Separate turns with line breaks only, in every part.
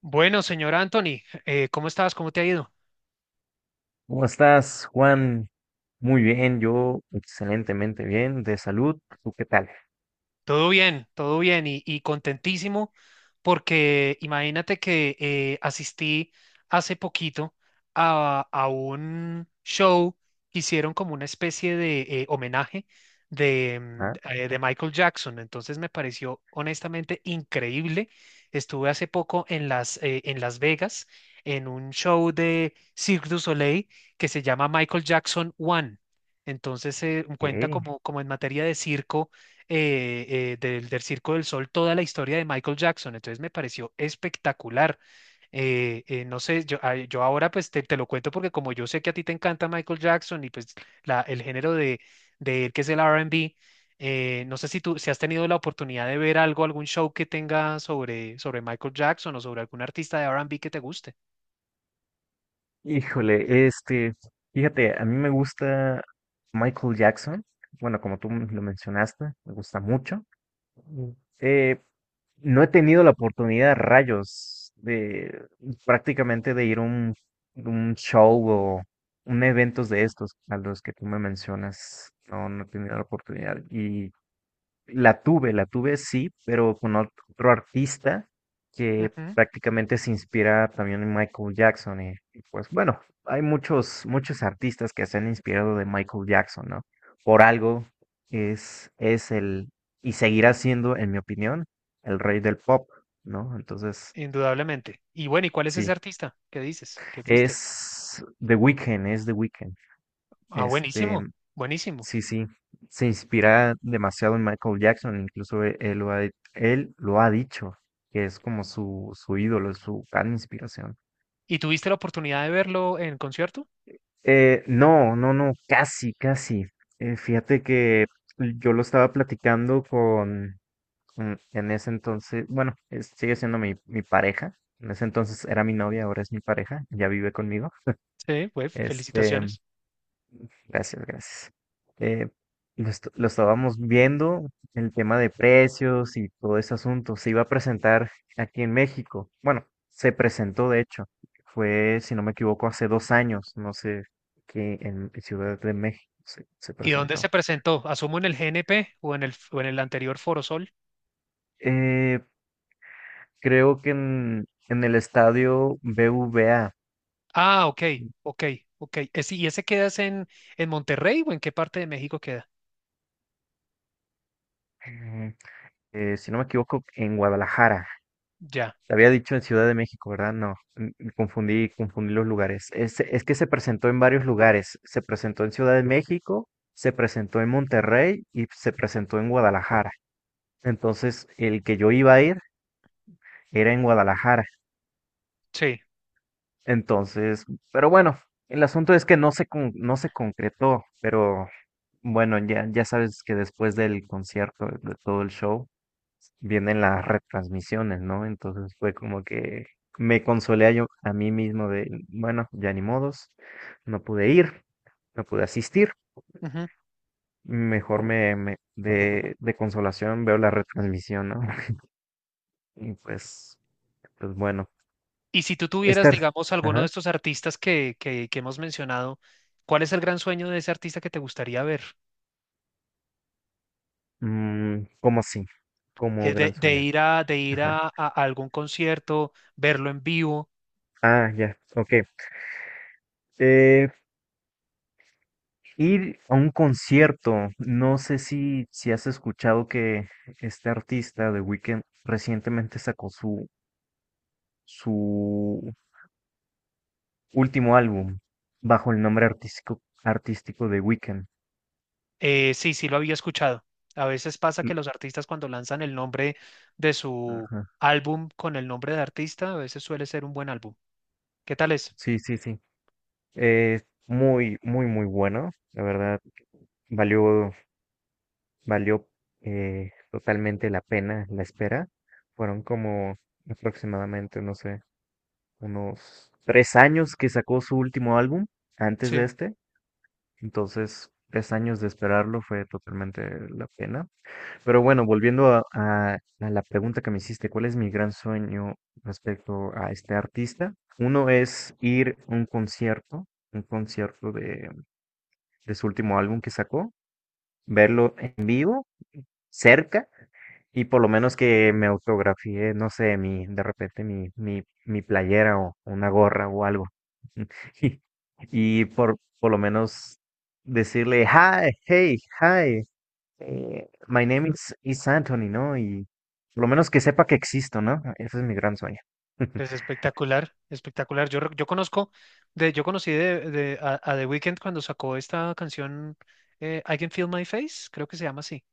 Bueno, señor Anthony, ¿cómo estás? ¿Cómo te ha ido?
¿Cómo estás, Juan? Muy bien, yo excelentemente bien, de salud. ¿Tú qué tal?
Todo bien y contentísimo porque imagínate que asistí hace poquito a un show que hicieron como una especie de homenaje de, mm,
Ah,
eh, de Michael Jackson. Entonces me pareció honestamente increíble. Estuve hace poco en Las Vegas en un show de Cirque du Soleil que se llama Michael Jackson One. Entonces cuenta
ok.
como, como en materia de circo eh, del Circo del Sol toda la historia de Michael Jackson. Entonces me pareció espectacular. No sé, yo ahora pues te lo cuento porque como yo sé que a ti te encanta Michael Jackson y pues el género de él, que es el R&B. No sé si tú si has tenido la oportunidad de ver algo, algún show que tenga sobre, sobre Michael Jackson o sobre algún artista de R&B que te guste.
Híjole, fíjate, a mí me gusta Michael Jackson. Bueno, como tú lo mencionaste, me gusta mucho. Mm. Eh, no he tenido la oportunidad, rayos, de prácticamente de ir a un show o un eventos de estos a los que tú me mencionas. No, no he tenido la oportunidad. Y la tuve, la tuve sí, pero con otro artista que
Ujú,
prácticamente se inspira también en Michael Jackson. Y pues bueno, hay muchos, muchos artistas que se han inspirado de Michael Jackson, ¿no? Por algo es el, y seguirá siendo, en mi opinión, el rey del pop, ¿no? Entonces,
indudablemente. Y bueno, ¿y cuál es ese
sí,
artista? ¿Qué dices? ¿Qué fuiste?
es The Weeknd, es The Weeknd.
Ah,
Este,
buenísimo, buenísimo.
Sí, sí, se inspira demasiado en Michael Jackson, incluso él, él lo ha dicho, que es como su ídolo, su gran inspiración.
¿Y tuviste la oportunidad de verlo en concierto?
No, no, no, casi, casi. Fíjate que yo lo estaba platicando en ese entonces, bueno, sigue siendo mi pareja, en ese entonces era mi novia, ahora es mi pareja, ya vive conmigo.
Sí, pues
Este,
felicitaciones.
Gracias, gracias. Eh, lo estábamos viendo, el tema de precios y todo ese asunto. Se iba a presentar aquí en México. Bueno, se presentó de hecho. Fue, si no me equivoco, hace dos años. No sé, que en Ciudad de México se
¿Y dónde se
presentó.
presentó? Asumo en el GNP o en el anterior Foro Sol.
Eh, Creo que en el estadio BVA,
Ah, ok, ok, ok. Ese- ¿Y ese quedas en Monterrey o en qué parte de México queda?
si no me equivoco, en Guadalajara.
Ya,
Te había dicho en Ciudad de México, ¿verdad? No, confundí, confundí los lugares. Es que se presentó en varios lugares. Se presentó en Ciudad de México, se presentó en Monterrey y se presentó en Guadalajara. Entonces, el que yo iba a ir era en Guadalajara.
sí.
Entonces, pero bueno, el asunto es que no se concretó, pero bueno, ya, ya sabes que después del concierto, de todo el show, vienen las retransmisiones, ¿no? Entonces fue como que me consolé a yo a mí mismo de, bueno, ya ni modos, no pude ir, no pude asistir,
Ujú.
mejor de consolación veo la retransmisión, ¿no? Y pues, pues bueno,
Y si tú tuvieras,
estar,
digamos, alguno de
ajá,
estos artistas que hemos mencionado, ¿cuál es el gran sueño de ese artista que te gustaría ver?
mm, como así, como gran sueño,
De ir a,
ajá,
a algún concierto, verlo en vivo.
ah, ya, ok. Eh, Ir a un concierto, no sé si has escuchado que este artista de Weeknd recientemente sacó su último álbum bajo el nombre artístico de Weeknd.
Sí, sí lo había escuchado. A veces pasa
L-
que los artistas cuando lanzan el nombre de su
ajá,
álbum con el nombre de artista, a veces suele ser un buen álbum. ¿Qué tal es?
sí, sí, sí. Eh, Muy, muy, muy bueno. La verdad, valió, valió totalmente la pena la espera. Fueron como aproximadamente, no sé, unos tres años que sacó su último álbum antes de
Sí,
este. Entonces, tres años de esperarlo fue totalmente la pena. Pero bueno, volviendo a la pregunta que me hiciste, ¿cuál es mi gran sueño respecto a este artista? Uno es ir a un concierto de su último álbum que sacó, verlo en vivo cerca y por lo menos que me autografié, no sé, mi, de repente mi playera o una gorra o algo. Y, y por lo menos decirle, hi, hey, hi, my is Anthony, ¿no? Y por lo menos que sepa que existo, ¿no? Ah, ese es mi gran sueño.
es espectacular, espectacular. Yo conozco, yo conocí a The Weeknd cuando sacó esta canción I Can Feel My Face, creo que se llama así.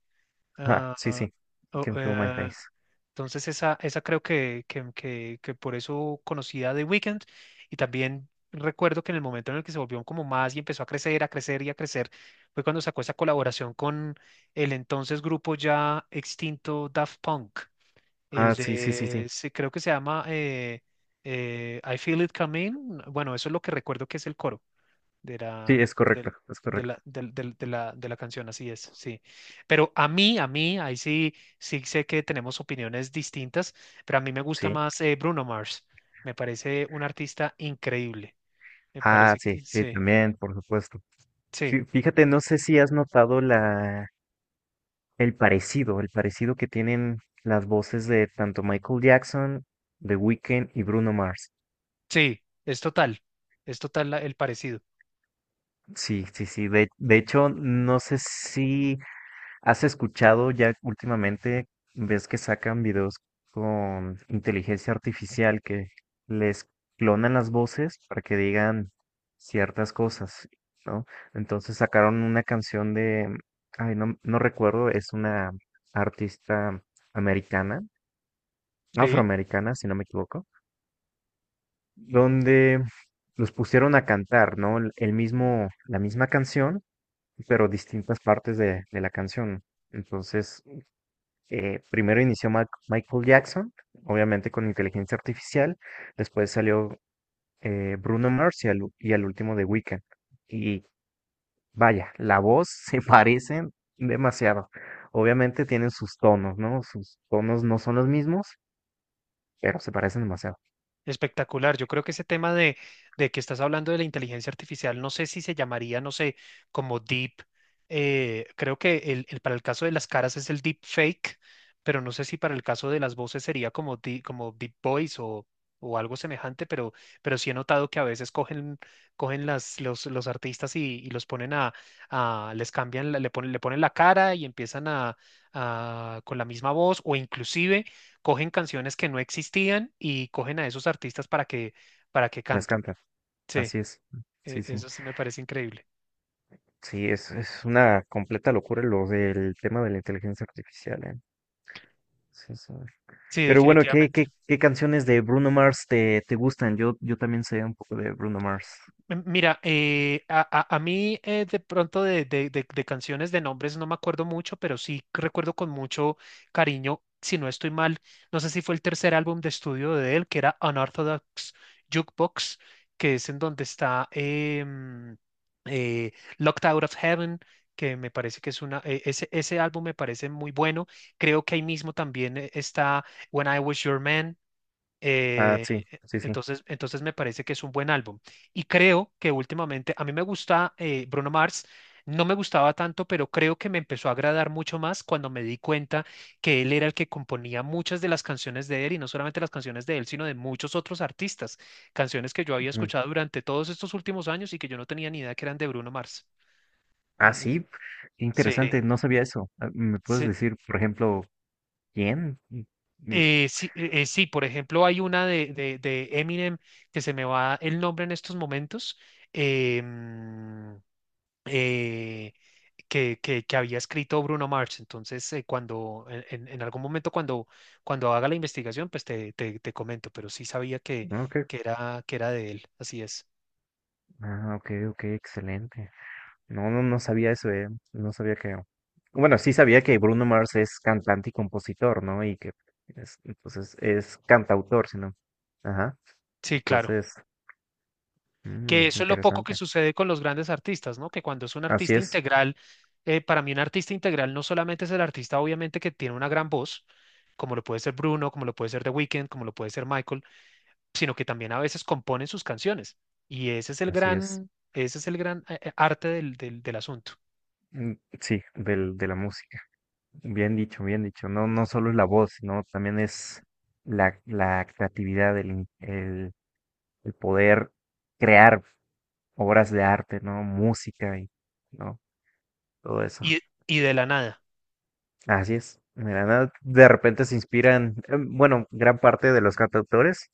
Ah,
Ah,
sí,
ah,
sí. You
oh,
can feel my
eh,
face.
Entonces esa creo que por eso conocía The Weeknd. Y también recuerdo que en el momento en el que se volvió como más y empezó a crecer y a crecer, fue cuando sacó esa colaboración con el entonces grupo ya extinto Daft Punk,
Ah, sí, sí, sí, sí.
creo que se llama I Feel It Coming. Bueno, eso es lo que recuerdo que es el coro de
Sí,
la,
es correcto,
del-
es correcto.
de la canción, así es, sí. Pero a mí, ahí sí, sí sé que tenemos opiniones distintas, pero a mí me gusta
Sí.
más Bruno Mars. Me parece un artista increíble. Me
Ah,
parece
sí,
que
sí,
sí,
también, por supuesto.
sí,
Fíjate, no sé si has notado el parecido que tienen las voces de tanto Michael Jackson, The Weeknd y Bruno Mars.
sí, es total el parecido.
Sí, sí, sí. De hecho, no sé si ¿has escuchado ya últimamente, ves que sacan videos con inteligencia artificial que les clonan las voces para que digan ciertas cosas, ¿no? Entonces sacaron una canción de, ay, no, no recuerdo, es una artista americana,
Sí.
afroamericana, si no me equivoco, donde los pusieron a cantar, ¿no? El mismo, la misma canción, pero distintas partes de la canción. Entonces, primero inició Michael Jackson, obviamente con inteligencia artificial, después salió Bruno Mars y al último The Weeknd. Y vaya, la voz se parecen demasiado. Obviamente tienen sus tonos, ¿no? Sus tonos no son los mismos, pero se parecen demasiado.
Espectacular. Yo creo que ese tema de que estás hablando de la inteligencia artificial, no sé si se llamaría, no sé, como deep. Creo que para el caso de las caras es el deep fake, pero no sé si para el caso de las voces sería como, como deep voice o algo semejante, pero sí he notado que a veces cogen, cogen los artistas y los ponen a, les cambian, le ponen la cara y empiezan a, con la misma voz, o inclusive cogen canciones que no existían y cogen a esos artistas para que
Las
canten.
cantan.
Sí,
Así es. Sí, sí.
eso sí me parece increíble.
Sí, es una completa locura lo del tema de la inteligencia artificial, ¿eh? Sí, sí.
Sí,
Pero bueno, ¿qué,
definitivamente.
qué, qué canciones de Bruno Mars te gustan? Yo también sé un poco de Bruno Mars.
Mira, a mí de pronto de canciones de nombres no me acuerdo mucho, pero sí recuerdo con mucho cariño, si no estoy mal, no sé si fue el tercer álbum de estudio de él, que era Unorthodox Jukebox, que es en donde está eh, Locked Out of Heaven, que me parece que es una, ese, ese álbum me parece muy bueno. Creo que ahí mismo también está When I Was Your Man.
Ah, sí, sí, sí.
Entonces, entonces me parece que es un buen álbum. Y creo que últimamente, a mí me gusta Bruno Mars, no me gustaba tanto, pero creo que me empezó a agradar mucho más cuando me di cuenta que él era el que componía muchas de las canciones de él, y no solamente las canciones de él, sino de muchos otros artistas, canciones que yo había
Ujú.
escuchado durante todos estos últimos años y que yo no tenía ni idea que eran de Bruno Mars.
Ah,
Mm,
sí, qué
Sí,
interesante, no sabía eso. Ah, ¿me puedes
sí,
decir, por ejemplo, quién? Y-
Sí, sí, por ejemplo, hay una de Eminem que se me va el nombre en estos momentos, eh, mm, eh, que, que había escrito Bruno Mars. Entonces, cuando en algún momento cuando, cuando haga la investigación, pues te comento, pero sí sabía
ah, ok,
que era de él. Así es.
ah, ok, ok, excelente. No, no, no sabía eso, eh. No sabía que... Bueno, sí sabía que Bruno Mars es cantante y compositor, ¿no? Y que es, entonces es cantautor, sino. Ajá.
Sí, claro.
Entonces,
Que
mm,
eso es lo poco que
interesante.
sucede con los grandes artistas, ¿no? Que cuando es un
Así
artista
es,
integral, para mí un artista integral no solamente es el artista, obviamente, que tiene una gran voz, como lo puede ser Bruno, como lo puede ser The Weeknd, como lo puede ser Michael, sino que también a veces componen sus canciones. Y ese es el
así es.
gran, ese es el gran arte del asunto.
Mm, sí, del, de la música. Bien dicho, bien dicho. No, no solo es la voz, sino también es la creatividad, el poder crear obras de arte, ¿no? Música y, ¿no? Todo eso.
Y, y de la nada.
Así es. Mira, ¿no? De repente se inspiran, em, bueno, gran parte de los cantautores